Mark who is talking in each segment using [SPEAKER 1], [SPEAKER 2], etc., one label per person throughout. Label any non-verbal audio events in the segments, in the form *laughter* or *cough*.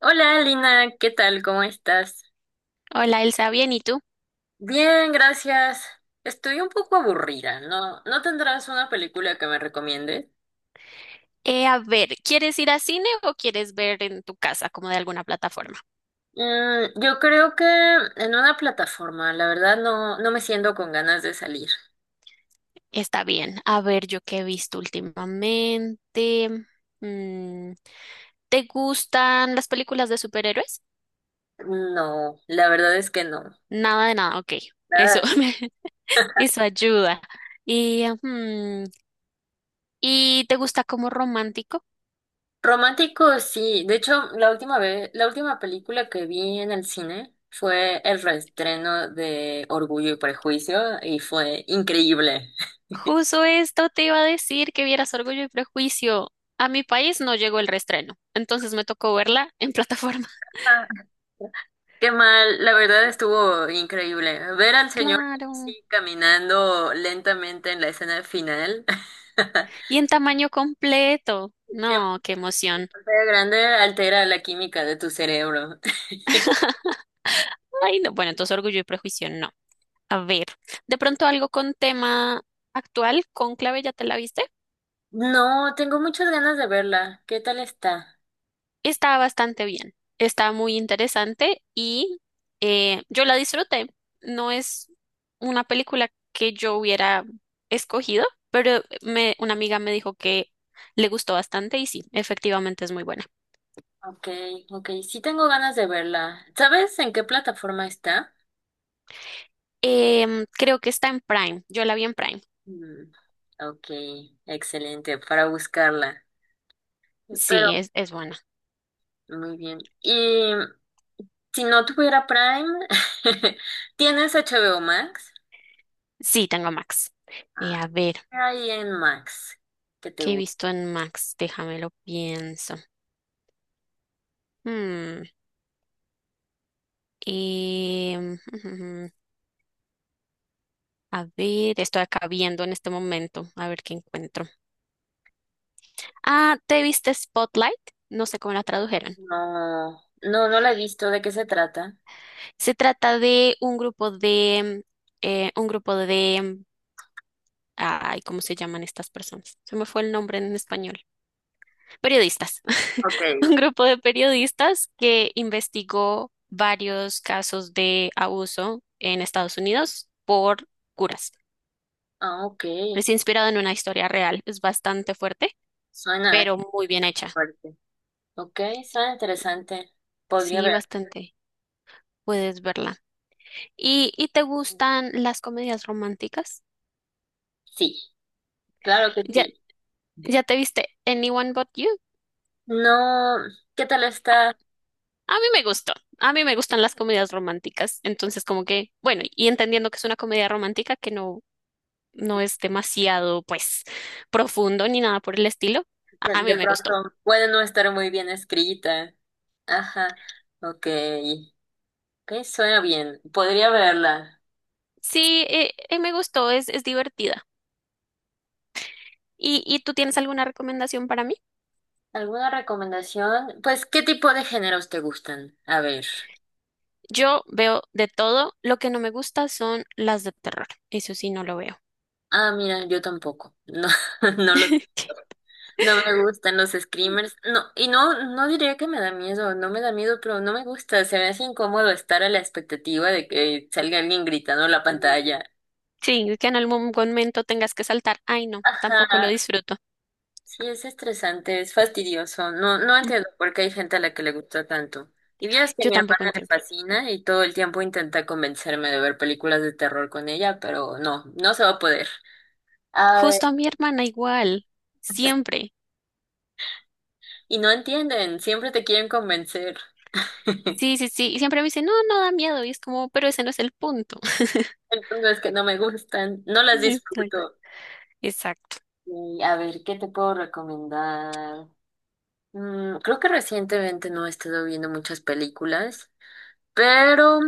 [SPEAKER 1] Hola, Lina, ¿qué tal? ¿Cómo estás?
[SPEAKER 2] Hola Elsa, bien, ¿y tú?
[SPEAKER 1] Bien, gracias. Estoy un poco aburrida, ¿no? ¿No tendrás una película que me recomiendes?
[SPEAKER 2] A ver, ¿quieres ir a cine o quieres ver en tu casa como de alguna plataforma?
[SPEAKER 1] Yo creo que en una plataforma, la verdad no me siento con ganas de salir.
[SPEAKER 2] Está bien. A ver, yo qué he visto últimamente. Mm, ¿Te gustan las películas de superhéroes?
[SPEAKER 1] No, la verdad es que no.
[SPEAKER 2] Nada de nada, ok. Eso,
[SPEAKER 1] Nada.
[SPEAKER 2] *laughs* eso ayuda. Y, mm, ¿Y te gusta como romántico?
[SPEAKER 1] Romántico, sí. De hecho, la última vez, la última película que vi en el cine fue el reestreno de Orgullo y Prejuicio y fue increíble.
[SPEAKER 2] Justo esto te iba a decir que vieras Orgullo y Prejuicio. A mi país no llegó el reestreno, entonces me tocó verla en plataforma. *laughs*
[SPEAKER 1] Ah. Qué mal, la verdad estuvo increíble. Ver al señor
[SPEAKER 2] Claro.
[SPEAKER 1] Casey caminando lentamente en la escena final. *laughs*
[SPEAKER 2] Y en tamaño completo. No,
[SPEAKER 1] En
[SPEAKER 2] qué emoción.
[SPEAKER 1] pantalla grande altera la química de tu cerebro.
[SPEAKER 2] Ay, no. Bueno, entonces Orgullo y Prejuicio, no. A ver, de pronto algo con tema actual, Cónclave, ¿ya te la viste?
[SPEAKER 1] No, tengo muchas ganas de verla. ¿Qué tal está?
[SPEAKER 2] Está bastante bien, está muy interesante y yo la disfruté. No es una película que yo hubiera escogido, pero me, una amiga me dijo que le gustó bastante y sí, efectivamente es muy buena.
[SPEAKER 1] Ok, ok, sí tengo ganas de verla. ¿Sabes en qué plataforma está?
[SPEAKER 2] Creo que está en Prime, yo la vi en Prime.
[SPEAKER 1] Mm, ok, excelente, para buscarla. Pero,
[SPEAKER 2] Sí, es buena.
[SPEAKER 1] muy bien. Y si no tuviera Prime, *laughs* ¿tienes HBO Max?
[SPEAKER 2] Sí, tengo Max.
[SPEAKER 1] Ah,
[SPEAKER 2] A ver,
[SPEAKER 1] ahí en Max, que te
[SPEAKER 2] ¿qué he
[SPEAKER 1] gusta.
[SPEAKER 2] visto en Max? Déjame lo pienso. Hmm, em, *laughs* a ver, estoy acá viendo en este momento, a ver qué encuentro. Ah, ¿te viste Spotlight? No sé cómo la tradujeron.
[SPEAKER 1] No la he visto. ¿De qué se trata?
[SPEAKER 2] Se trata de un grupo de, ay, ¿cómo se llaman estas personas? Se me fue el nombre en español. Periodistas,
[SPEAKER 1] Ok,
[SPEAKER 2] *laughs* un grupo de periodistas que investigó varios casos de abuso en Estados Unidos por curas.
[SPEAKER 1] Ah, ok.
[SPEAKER 2] Es inspirado en una historia real, es bastante fuerte,
[SPEAKER 1] Suena
[SPEAKER 2] pero muy bien hecha.
[SPEAKER 1] fuerte. Ok, suena interesante. Podría
[SPEAKER 2] Sí,
[SPEAKER 1] ver.
[SPEAKER 2] bastante. Puedes verla. ¿Y te gustan las comedias románticas?
[SPEAKER 1] Sí, claro que
[SPEAKER 2] ¿Ya,
[SPEAKER 1] sí.
[SPEAKER 2] ya te viste Anyone But You?
[SPEAKER 1] No, ¿qué tal está?
[SPEAKER 2] A mí me gustó. A mí me gustan las comedias románticas. Entonces, como que, bueno, y entendiendo que es una comedia romántica que no es demasiado, pues, profundo ni nada por el estilo.
[SPEAKER 1] De,
[SPEAKER 2] A mí
[SPEAKER 1] de
[SPEAKER 2] me gustó.
[SPEAKER 1] pronto puede no estar muy bien escrita. Ajá, ok. Ok, suena bien. Podría verla.
[SPEAKER 2] Sí, me gustó, es divertida. ¿Y tú tienes alguna recomendación para mí?
[SPEAKER 1] ¿Alguna recomendación? Pues, ¿qué tipo de géneros te gustan? A ver.
[SPEAKER 2] Yo veo de todo. Lo que no me gusta son las de terror. Eso sí, no lo veo.
[SPEAKER 1] Ah, mira, yo tampoco. No, *laughs* no lo,
[SPEAKER 2] *laughs*
[SPEAKER 1] no me gustan los screamers. No, y no diría que me da miedo, no me da miedo, pero no me gusta. Se me hace incómodo estar a la expectativa de que salga alguien gritando en la pantalla.
[SPEAKER 2] Sí, que en algún momento tengas que saltar. Ay, no, tampoco lo
[SPEAKER 1] Ajá,
[SPEAKER 2] disfruto.
[SPEAKER 1] sí, es estresante, es fastidioso. No
[SPEAKER 2] Mm,
[SPEAKER 1] entiendo por qué hay gente a la que le gusta tanto. Y vieras que a
[SPEAKER 2] Yo
[SPEAKER 1] mi
[SPEAKER 2] tampoco
[SPEAKER 1] hermana le
[SPEAKER 2] entiendo.
[SPEAKER 1] fascina y todo el tiempo intenta convencerme de ver películas de terror con ella, pero no, no se va a poder. A ver,
[SPEAKER 2] Justo a mi hermana igual, siempre.
[SPEAKER 1] y no entienden, siempre te quieren convencer.
[SPEAKER 2] Sí, sí, sí. Y siempre me dice, no, no da miedo. Y es como, pero ese no es el punto. *laughs*
[SPEAKER 1] El punto es que no me gustan, no las
[SPEAKER 2] Exacto.
[SPEAKER 1] disfruto.
[SPEAKER 2] Exacto.
[SPEAKER 1] Y a ver, ¿qué te puedo recomendar? Creo que recientemente no he estado viendo muchas películas, pero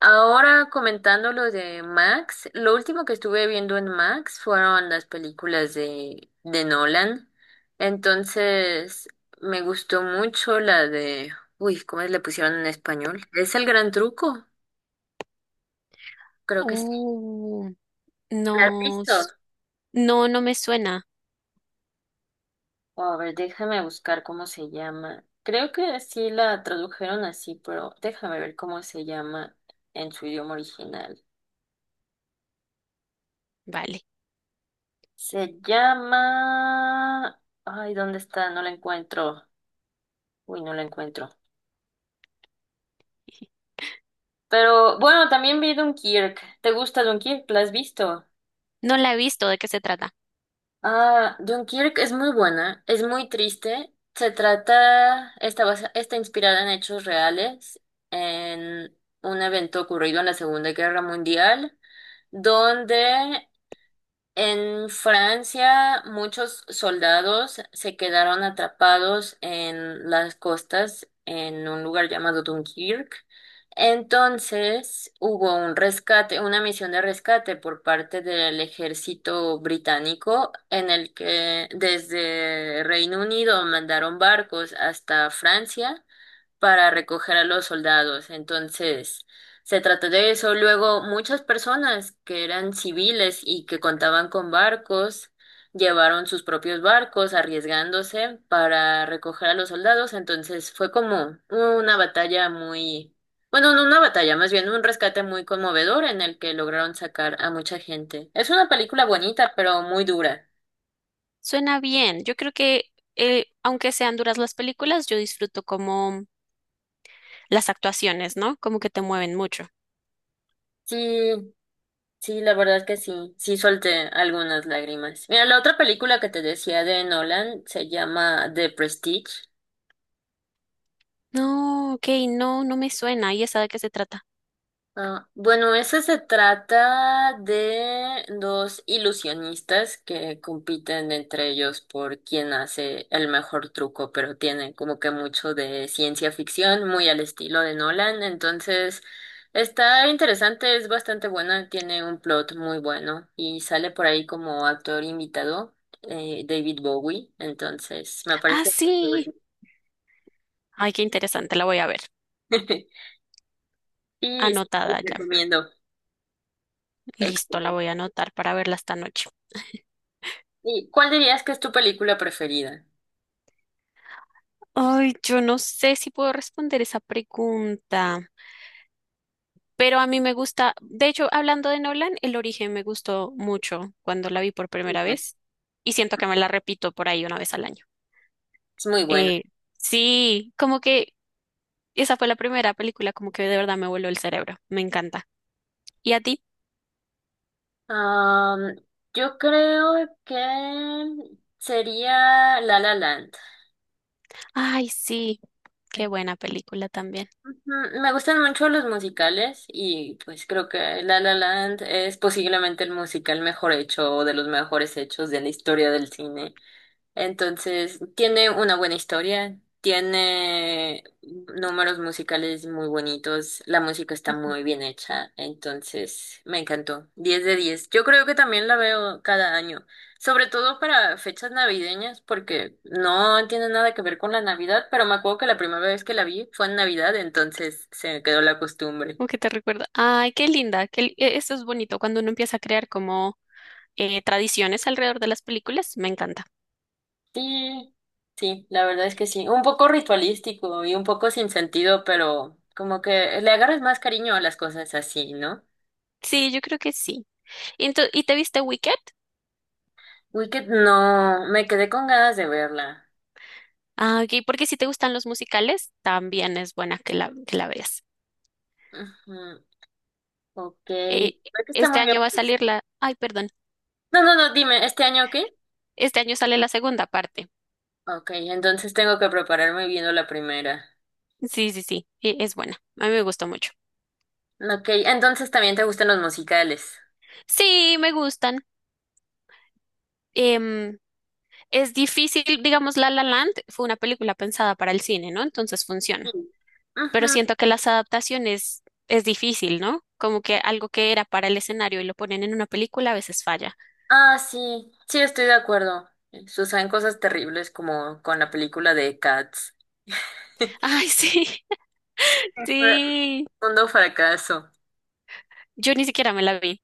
[SPEAKER 1] ahora comentando lo de Max, lo último que estuve viendo en Max fueron las películas de Nolan. Entonces, me gustó mucho la de, uy, ¿cómo le pusieron en español? ¿Es el gran truco? Creo que sí.
[SPEAKER 2] Uh,
[SPEAKER 1] ¿La has
[SPEAKER 2] no,
[SPEAKER 1] visto?
[SPEAKER 2] s- no, no me suena.
[SPEAKER 1] Oh, a ver, déjame buscar cómo se llama. Creo que sí la tradujeron así, pero déjame ver cómo se llama en su idioma original.
[SPEAKER 2] Vale.
[SPEAKER 1] Se llama... Ay, ¿dónde está? No la encuentro. Uy, no la encuentro. Pero bueno, también vi Dunkirk. ¿Te gusta Dunkirk? ¿La has visto?
[SPEAKER 2] No la he visto. ¿De qué se trata?
[SPEAKER 1] Ah, Dunkirk es muy buena, es muy triste. Se trata, está inspirada en hechos reales, en un evento ocurrido en la Segunda Guerra Mundial, donde en Francia muchos soldados se quedaron atrapados en las costas en un lugar llamado Dunkirk. Entonces hubo un rescate, una misión de rescate por parte del ejército británico en el que desde Reino Unido mandaron barcos hasta Francia para recoger a los soldados. Entonces, se trató de eso. Luego, muchas personas que eran civiles y que contaban con barcos, llevaron sus propios barcos arriesgándose para recoger a los soldados. Entonces, fue como una batalla muy, bueno, no una batalla, más bien un rescate muy conmovedor en el que lograron sacar a mucha gente. Es una película bonita, pero muy dura.
[SPEAKER 2] Suena bien. Yo creo que, aunque sean duras las películas, yo disfruto como las actuaciones, ¿no? Como que te mueven mucho.
[SPEAKER 1] Sí, Sí, la verdad que sí, sí solté algunas lágrimas. Mira, la otra película que te decía de Nolan se llama The Prestige.
[SPEAKER 2] No, ok, no, no me suena. ¿Y esa de qué se trata?
[SPEAKER 1] Ah, bueno, ese se trata de dos ilusionistas que compiten entre ellos por quién hace el mejor truco, pero tiene como que mucho de ciencia ficción, muy al estilo de Nolan, entonces está interesante, es bastante buena, tiene un plot muy bueno y sale por ahí como actor invitado, David Bowie, entonces me
[SPEAKER 2] Ah,
[SPEAKER 1] parece muy
[SPEAKER 2] sí.
[SPEAKER 1] cool.
[SPEAKER 2] Ay, qué interesante, la voy a ver.
[SPEAKER 1] *laughs* Y sí, lo
[SPEAKER 2] Anotada ya.
[SPEAKER 1] recomiendo.
[SPEAKER 2] Listo, la voy a anotar para verla esta noche.
[SPEAKER 1] ¿Y cuál dirías que es tu película preferida?
[SPEAKER 2] Ay, yo no sé si puedo responder esa pregunta, pero a mí me gusta, de hecho, hablando de Nolan, El Origen me gustó mucho cuando la vi por
[SPEAKER 1] Muy
[SPEAKER 2] primera
[SPEAKER 1] buena.
[SPEAKER 2] vez y siento que me la repito por ahí una vez al año.
[SPEAKER 1] Es muy buena.
[SPEAKER 2] Eh, sí, como que esa fue la primera película, como que de verdad me voló el cerebro. Me encanta. ¿Y a ti?
[SPEAKER 1] Am, yo creo que sería La La Land.
[SPEAKER 2] Ay, sí, qué buena película también.
[SPEAKER 1] Me gustan mucho los musicales y pues creo que La La Land es posiblemente el musical mejor hecho o de los mejores hechos de la historia del cine. Entonces, tiene una buena historia, tiene números musicales muy bonitos, la música está muy bien hecha, entonces me encantó. Diez de 10. Yo creo que también la veo cada año, sobre todo para fechas navideñas, porque no tiene nada que ver con la Navidad, pero me acuerdo que la primera vez que la vi fue en Navidad, entonces se me quedó la costumbre.
[SPEAKER 2] ¿Cómo que te recuerda? Ay, qué linda. Qué, eso es bonito cuando uno empieza a crear como tradiciones alrededor de las películas. Me encanta.
[SPEAKER 1] Sí, sí, la verdad es que sí. Un poco ritualístico y un poco sin sentido, pero como que le agarras más cariño a las cosas así, ¿no?
[SPEAKER 2] Sí, yo creo que sí. ¿Y te viste Wicked?
[SPEAKER 1] Wicked no, me quedé con ganas de verla.
[SPEAKER 2] Ah, ok, porque si te gustan los musicales, también es buena que que la veas.
[SPEAKER 1] Ujú, ok,
[SPEAKER 2] Eh,
[SPEAKER 1] creo que está
[SPEAKER 2] este
[SPEAKER 1] muy bien,
[SPEAKER 2] año va a
[SPEAKER 1] pues.
[SPEAKER 2] salir la... Ay, perdón.
[SPEAKER 1] No, no, no, dime, ¿este año qué?
[SPEAKER 2] Este año sale la segunda parte.
[SPEAKER 1] Ok, entonces tengo que prepararme viendo la primera.
[SPEAKER 2] Sí, sí, sí, es buena. A mí me gustó mucho.
[SPEAKER 1] Ok, entonces también te gustan los musicales.
[SPEAKER 2] Sí, me gustan. Em, es difícil, digamos, La La Land fue una película pensada para el cine, ¿no? Entonces
[SPEAKER 1] Sí.
[SPEAKER 2] funciona. Pero
[SPEAKER 1] Ujú.
[SPEAKER 2] siento que las adaptaciones es difícil, ¿no? Como que algo que era para el escenario y lo ponen en una película a veces falla.
[SPEAKER 1] Ah, sí, sí, estoy de acuerdo. Suceden cosas terribles como con la película de Cats.
[SPEAKER 2] Ay, sí,
[SPEAKER 1] Sí,
[SPEAKER 2] *laughs*
[SPEAKER 1] fue
[SPEAKER 2] sí.
[SPEAKER 1] mundo fracaso.
[SPEAKER 2] Yo ni siquiera me la vi.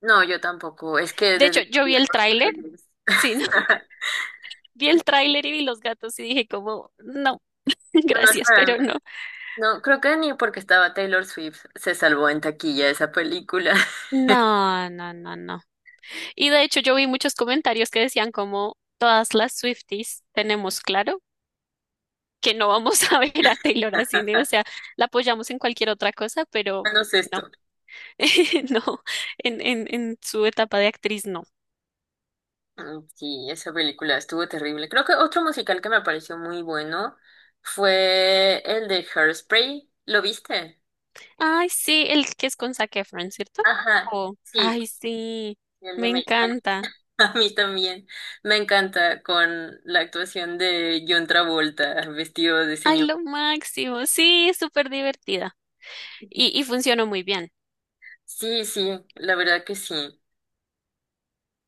[SPEAKER 1] No, yo tampoco. Es que
[SPEAKER 2] De hecho,
[SPEAKER 1] desde que
[SPEAKER 2] yo
[SPEAKER 1] vi a
[SPEAKER 2] vi el tráiler,
[SPEAKER 1] Taylor Swift-
[SPEAKER 2] sí, ¿no? *laughs*
[SPEAKER 1] *laughs*
[SPEAKER 2] Vi el tráiler y vi los gatos y dije como, no, *laughs*
[SPEAKER 1] no es
[SPEAKER 2] gracias,
[SPEAKER 1] para mí.
[SPEAKER 2] pero no.
[SPEAKER 1] No, creo que ni porque estaba Taylor Swift se salvó en taquilla esa película. *laughs*
[SPEAKER 2] No, no, no, no. Y de hecho yo vi muchos comentarios que decían como todas las Swifties tenemos claro que no vamos *laughs* a ver a Taylor a cine, o sea, la apoyamos en cualquier otra cosa, pero
[SPEAKER 1] No es
[SPEAKER 2] no,
[SPEAKER 1] esto.
[SPEAKER 2] *laughs* no, en su etapa de actriz no.
[SPEAKER 1] Sí, esa película estuvo terrible. Creo que otro musical que me pareció muy bueno fue el de Hairspray. ¿Lo viste?
[SPEAKER 2] Ay, sí, el que es con Zac Efron, ¿cierto?
[SPEAKER 1] Ajá,
[SPEAKER 2] Oh,
[SPEAKER 1] sí.
[SPEAKER 2] ay, sí,
[SPEAKER 1] El de
[SPEAKER 2] me
[SPEAKER 1] bueno,
[SPEAKER 2] encanta.
[SPEAKER 1] *laughs* a mí también. Me encanta con la actuación de John Travolta vestido de
[SPEAKER 2] Ay,
[SPEAKER 1] señor.
[SPEAKER 2] lo máximo, sí, es súper divertida. Y funcionó muy bien.
[SPEAKER 1] Sí, sí, la verdad que sí.